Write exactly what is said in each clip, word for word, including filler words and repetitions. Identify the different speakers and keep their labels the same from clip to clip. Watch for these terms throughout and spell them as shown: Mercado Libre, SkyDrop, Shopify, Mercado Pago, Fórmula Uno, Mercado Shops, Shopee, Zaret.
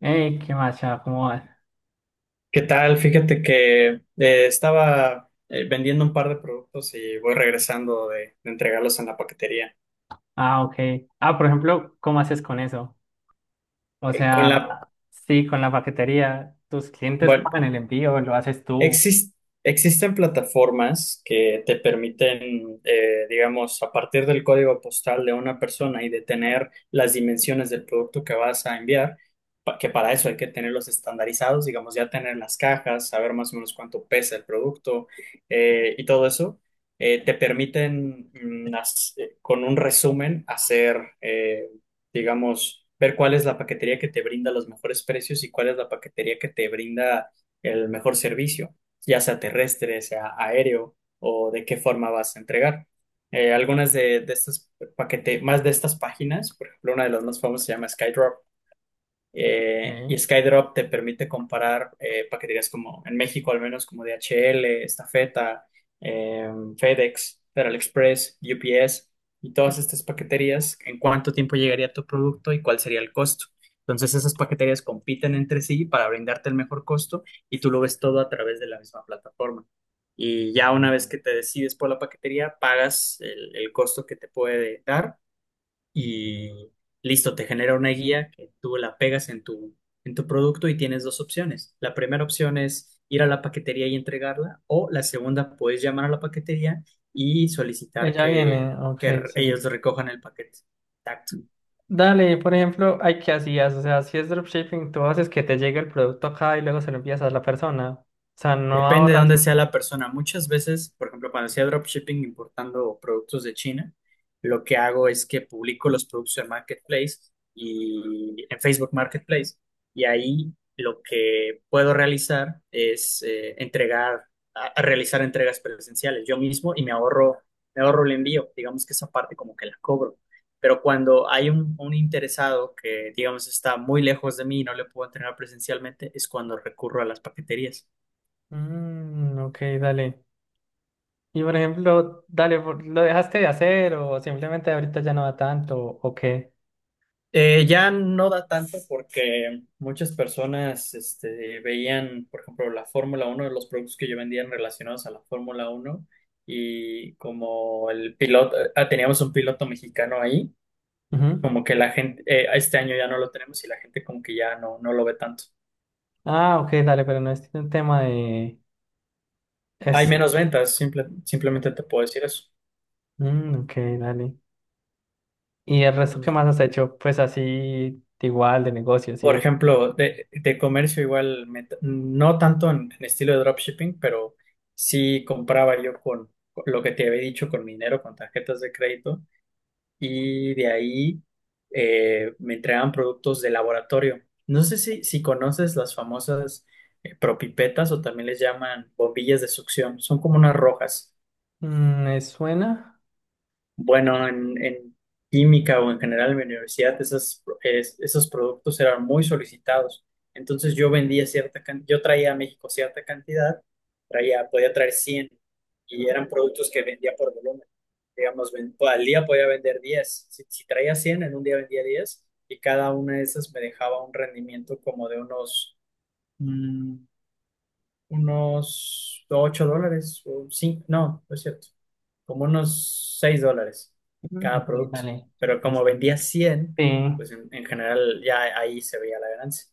Speaker 1: Ey, qué macha, ¿cómo vas?
Speaker 2: ¿Qué tal? Fíjate que eh, estaba eh, vendiendo un par de productos y voy regresando de, de entregarlos en la paquetería.
Speaker 1: Ah, ok. Ah, por ejemplo, ¿cómo haces con eso? O
Speaker 2: Eh, con
Speaker 1: sea,
Speaker 2: la,
Speaker 1: sí, con la paquetería, tus clientes
Speaker 2: bueno,
Speaker 1: pagan el envío, lo haces tú.
Speaker 2: Exis- existen plataformas que te permiten, eh, digamos, a partir del código postal de una persona y de tener las dimensiones del producto que vas a enviar. Pa- que para eso hay que tenerlos estandarizados, digamos, ya tener las cajas, saber más o menos cuánto pesa el producto eh, y todo eso. Eh, te permiten, mm, haz- eh, con un resumen hacer, eh, digamos, ver cuál es la paquetería que te brinda los mejores precios y cuál es la paquetería que te brinda el mejor servicio, ya sea terrestre, sea aéreo o de qué forma vas a entregar. Eh, algunas de, de estas paquete, más de estas páginas, por ejemplo, una de las más famosas se llama SkyDrop. Eh, y
Speaker 1: Ey.
Speaker 2: SkyDrop te permite comparar eh, paqueterías como en México, al menos como D H L. Estafeta, eh, FedEx, Federal Express, U P S y todas estas paqueterías, en cuánto tiempo llegaría tu producto y cuál sería el costo. Entonces esas paqueterías compiten entre sí para brindarte el mejor costo y tú lo ves todo a través de la misma plataforma. Y ya una vez que te decides por la paquetería, pagas el, el costo que te puede dar y listo, te genera una guía que tú la pegas en tu, en tu producto y tienes dos opciones. La primera opción es ir a la paquetería y entregarla, o la segunda, puedes llamar a la paquetería y solicitar
Speaker 1: Ella
Speaker 2: que,
Speaker 1: viene, ok,
Speaker 2: que
Speaker 1: sí.
Speaker 2: ellos recojan el paquete. Tacto.
Speaker 1: Dale, por ejemplo, hay qué hacías, o sea, si es dropshipping, tú haces que te llegue el producto acá y luego se lo envías a la persona. O sea, no
Speaker 2: Depende de
Speaker 1: ahorras.
Speaker 2: dónde sea la persona. Muchas veces, por ejemplo, cuando hacía dropshipping importando productos de China, lo que hago es que publico los productos en Marketplace y en Facebook Marketplace. Y ahí lo que puedo realizar es eh, entregar, a- a realizar entregas presenciales yo mismo y me ahorro, me ahorro el envío. Digamos que esa parte como que la cobro. Pero cuando hay un, un interesado que, digamos, está muy lejos de mí y no le puedo entregar presencialmente, es cuando recurro a las paqueterías.
Speaker 1: Mm, ok, dale. Y por ejemplo, dale, por- ¿lo dejaste de hacer o simplemente ahorita ya no va tanto o qué?
Speaker 2: Eh, ya no da tanto porque muchas personas este, veían, por ejemplo, la Fórmula uno, de los productos que yo vendía relacionados a la Fórmula uno. Y como el piloto, eh, ah, teníamos un piloto mexicano ahí,
Speaker 1: Ujú.
Speaker 2: como que la gente, eh, este año ya no lo tenemos y la gente como que ya no, no lo ve tanto.
Speaker 1: Ah, ok, dale, pero no es un tema de...
Speaker 2: Hay
Speaker 1: Es...
Speaker 2: menos ventas, simple- simplemente te puedo decir eso.
Speaker 1: Mm, ok, dale. ¿Y el resto qué más has hecho? Pues así, igual, de negocios y
Speaker 2: Por
Speaker 1: eso.
Speaker 2: ejemplo, de, de comercio igual, me t- no tanto en, en estilo de dropshipping, pero sí compraba yo con, con lo que te había dicho, con mi dinero, con tarjetas de crédito, y de ahí eh, me entregaban productos de laboratorio. No sé si, si conoces las famosas eh, propipetas o también les llaman bombillas de succión, son como unas rojas.
Speaker 1: Mm, ¿me suena?
Speaker 2: Bueno, en, en química o en general en mi universidad, esos, es- esos productos eran muy solicitados. Entonces yo vendía cierta cantidad, yo traía a México cierta cantidad, traía, podía traer cien y eran productos que vendía por volumen. Digamos, ven- al día podía vender diez. Si, si traía cien, en un día vendía diez y cada una de esas me dejaba un rendimiento como de unos, mm, unos ocho dólares o cinco. No, no es cierto, como unos seis dólares
Speaker 1: Mm,
Speaker 2: cada
Speaker 1: ok,
Speaker 2: producto.
Speaker 1: dale.
Speaker 2: Pero como vendía
Speaker 1: Vicente.
Speaker 2: cien
Speaker 1: Sí.
Speaker 2: pues en, en general ya ahí se veía la ganancia.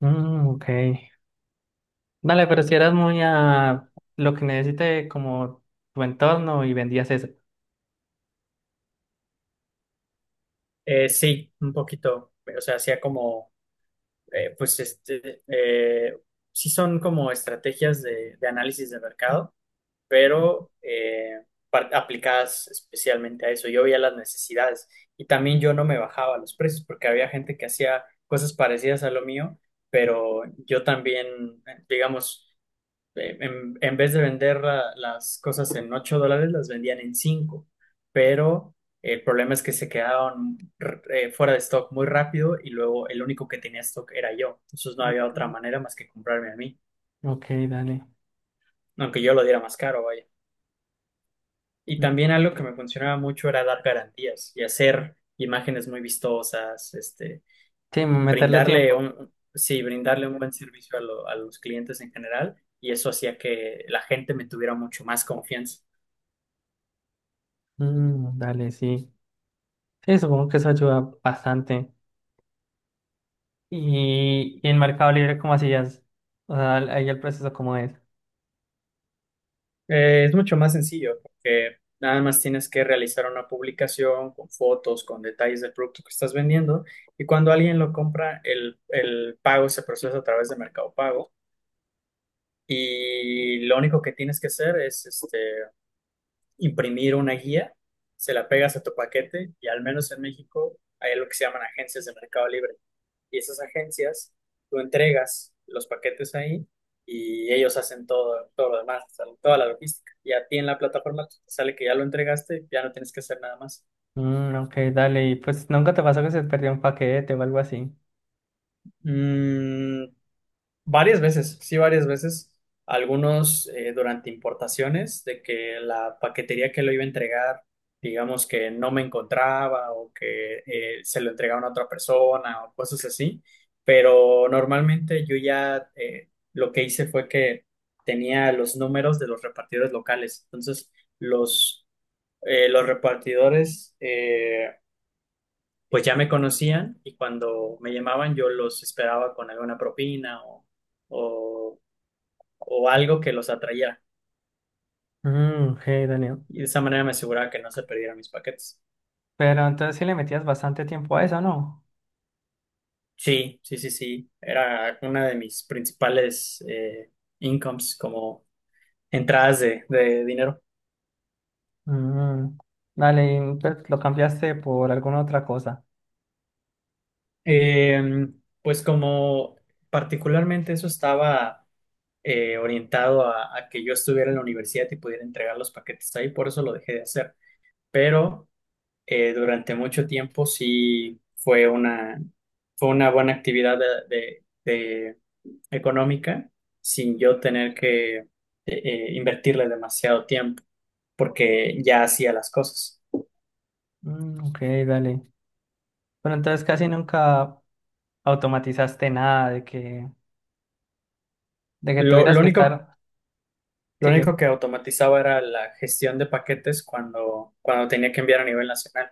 Speaker 1: Mm, ok. Dale, pero si eras muy a lo que necesite como tu entorno y vendías eso.
Speaker 2: Eh, sí, un poquito, o sea, hacía como, eh, pues este, eh, sí son como estrategias de, de análisis de mercado,
Speaker 1: Mm.
Speaker 2: pero eh, par- aplicadas especialmente a eso. Yo veía las necesidades, y también yo no me bajaba los precios porque había gente que hacía cosas parecidas a lo mío, pero yo también, eh, digamos, eh, en, en vez de vender la- las cosas en ocho dólares, las vendían en cinco. Pero el problema es que se quedaron r- eh, fuera de stock muy rápido y luego el único que tenía stock era yo. Entonces no había otra
Speaker 1: Mm,
Speaker 2: manera más que comprarme a mí,
Speaker 1: ok, dale.
Speaker 2: aunque yo lo diera más caro, vaya. Y
Speaker 1: Mm.
Speaker 2: también algo que me funcionaba mucho era dar garantías y hacer imágenes muy vistosas, este,
Speaker 1: Sí, meterle
Speaker 2: brindarle
Speaker 1: tiempo.
Speaker 2: un, sí, brindarle un buen servicio a lo- a los clientes en general, y eso hacía que la gente me tuviera mucho más confianza.
Speaker 1: Mm, dale, sí. Sí, supongo que eso ayuda bastante. Y, y en Mercado Libre, ¿cómo hacías? O sea, ahí el proceso, ¿cómo es?
Speaker 2: Eh, es mucho más sencillo porque nada más tienes que realizar una publicación con fotos, con detalles del producto que estás vendiendo, y cuando alguien lo compra, el, el pago se procesa a través de Mercado Pago, y lo único que tienes que hacer es este, imprimir una guía, se la pegas a tu paquete. Y al menos en México hay lo que se llaman agencias de Mercado Libre, y esas agencias, tú entregas los paquetes ahí y ellos hacen todo todo lo demás, o sea, toda la logística. Y a ti en la plataforma te sale que ya lo entregaste, ya no tienes que hacer nada más.
Speaker 1: Mm, ok, dale. Y pues nunca te pasó que se perdió un paquete o algo así.
Speaker 2: Mm, Varias veces, sí, varias veces. Algunos, eh, durante importaciones, de que la paquetería que lo iba a entregar, digamos que no me encontraba o que eh, se lo entregaban a otra persona o cosas así. Pero normalmente yo ya, eh, lo que hice fue que tenía los números de los repartidores locales. Entonces, los eh, los repartidores eh, pues ya me conocían y cuando me llamaban yo los esperaba con alguna propina o o o algo que los atrayera.
Speaker 1: Mm, ok, dale.
Speaker 2: Y de esa manera me aseguraba que no se perdieran mis paquetes.
Speaker 1: Pero entonces sí le metías bastante tiempo a eso, ¿no?
Speaker 2: Sí, sí, sí, sí. Era una de mis principales eh, incomes, como entradas de, de dinero.
Speaker 1: Mm, dale, y entonces lo cambiaste por alguna otra cosa.
Speaker 2: Eh, pues como particularmente eso estaba eh, orientado a, a que yo estuviera en la universidad y pudiera entregar los paquetes ahí, por eso lo dejé de hacer. Pero eh, durante mucho tiempo sí fue una, fue una buena actividad de, de- de económica, sin yo tener que eh, eh, invertirle demasiado tiempo porque ya hacía las cosas.
Speaker 1: Mm, ok, dale. Pero entonces casi nunca automatizaste nada de que, de que
Speaker 2: Lo,
Speaker 1: tuvieras
Speaker 2: lo
Speaker 1: que
Speaker 2: único,
Speaker 1: estar.
Speaker 2: lo
Speaker 1: Sigue.
Speaker 2: único que automatizaba era la gestión de paquetes cuando, cuando tenía que enviar a nivel nacional,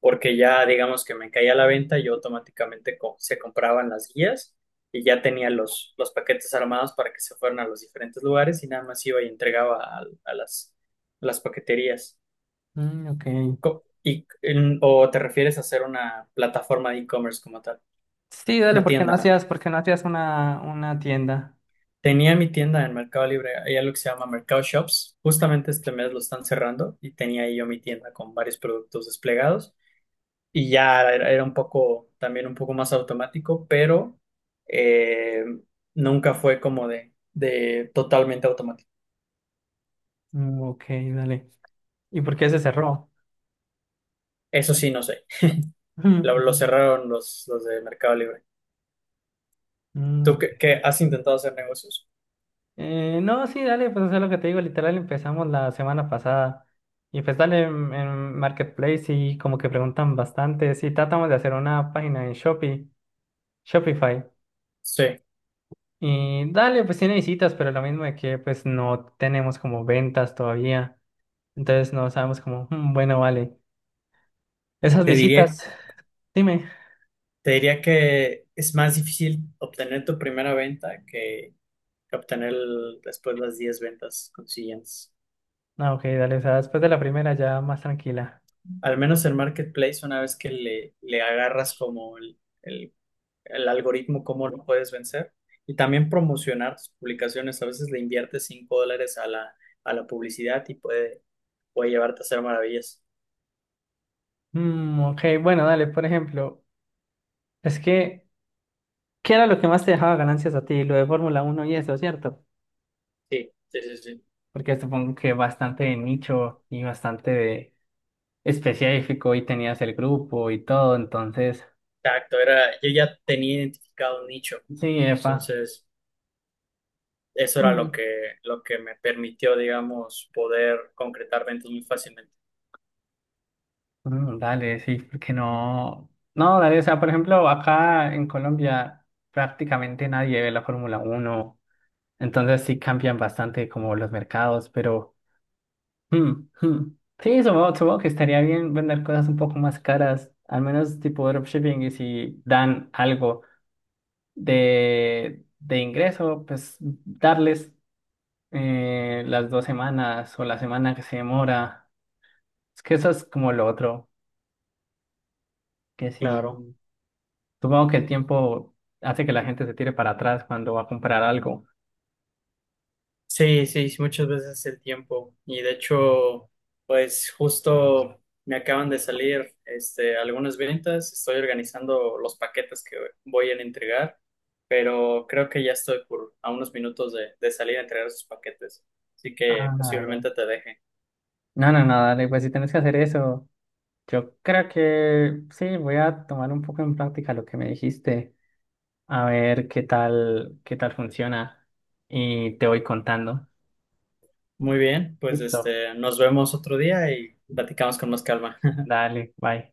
Speaker 2: porque ya digamos que me caía la venta, yo automáticamente co- se compraban las guías y ya tenía los, los paquetes armados para que se fueran a los diferentes lugares y nada más iba y entregaba a, a las, a las paqueterías.
Speaker 1: Mm, ok.
Speaker 2: Co- Y, en- ¿o te refieres a hacer una plataforma de e-commerce como tal?
Speaker 1: Sí, dale,
Speaker 2: Una
Speaker 1: porque no
Speaker 2: tienda.
Speaker 1: hacías, ¿porque no hacías una, una tienda?
Speaker 2: Tenía mi tienda en Mercado Libre, hay algo que se llama Mercado Shops. Justamente este mes lo están cerrando y tenía ahí yo mi tienda con varios productos desplegados, y ya era era un poco, también un poco más automático, pero eh, nunca fue como de, de totalmente automático.
Speaker 1: Mm, ok, dale. ¿Y por qué se cerró?
Speaker 2: Eso sí, no sé. Lo, lo
Speaker 1: Mm,
Speaker 2: cerraron los, los de Mercado Libre.
Speaker 1: mm,
Speaker 2: ¿Tú
Speaker 1: ok.
Speaker 2: qué, qué has intentado hacer negocios?
Speaker 1: Eh, no, sí, dale, pues eso es lo que te digo, literal empezamos la semana pasada y pues dale en, en Marketplace y como que preguntan bastante, sí, tratamos de hacer una página en Shopee, Shopify
Speaker 2: Sí.
Speaker 1: y dale, pues tiene visitas, pero lo mismo de que pues no tenemos como ventas todavía, entonces no sabemos como, "Mm, bueno, vale, esas
Speaker 2: Te
Speaker 1: visitas",
Speaker 2: diría
Speaker 1: dime.
Speaker 2: Te diría que es más difícil obtener tu primera venta que, que obtener el- después las diez ventas consiguientes.
Speaker 1: Ah, ok, dale, o sea, después de la primera ya más tranquila.
Speaker 2: Al menos en Marketplace, una vez que le, le agarras como el, el- el algoritmo, cómo lo puedes vencer. Y también promocionar tus publicaciones. A veces le inviertes cinco dólares a la a la publicidad y puede, puede llevarte a hacer maravillas.
Speaker 1: Mm, ok, bueno, dale, por ejemplo, es que, ¿qué era lo que más te dejaba ganancias a ti? Lo de Fórmula Uno y eso, ¿cierto?
Speaker 2: Sí, sí, sí, sí.
Speaker 1: Porque supongo que bastante de nicho y bastante de específico y tenías el grupo y todo, entonces,
Speaker 2: Exacto, era, yo ya tenía identificado un nicho.
Speaker 1: sí, epa.
Speaker 2: Entonces eso era lo
Speaker 1: Mm.
Speaker 2: que, lo que me permitió, digamos, poder concretar ventas muy fácilmente.
Speaker 1: Mm, dale, sí, porque no. No, dale, o sea, por ejemplo, acá en Colombia prácticamente nadie ve la Fórmula Uno, entonces sí cambian bastante como los mercados, pero. Mm, mm. Sí, supongo, supongo que estaría bien vender cosas un poco más caras, al menos tipo dropshipping, y si dan algo de, de ingreso, pues darles eh, las dos semanas o la semana que se demora. Es que eso es como lo otro, que si
Speaker 2: Claro.
Speaker 1: supongo que el tiempo hace que la gente se tire para atrás cuando va a comprar algo.
Speaker 2: Sí, sí, sí, muchas veces el tiempo. Y de hecho, pues justo me acaban de salir este, algunas ventas. Estoy organizando los paquetes que voy a entregar, pero creo que ya estoy por a unos minutos de, de salir a entregar esos paquetes. Así que
Speaker 1: Ah, dale.
Speaker 2: posiblemente te deje.
Speaker 1: No, no, no, dale, pues si tienes que hacer eso, yo creo que sí, voy a tomar un poco en práctica lo que me dijiste. A ver qué tal, qué tal funciona y te voy contando.
Speaker 2: Muy bien, pues
Speaker 1: Listo,
Speaker 2: este, nos vemos otro día y platicamos con más calma.
Speaker 1: dale, bye.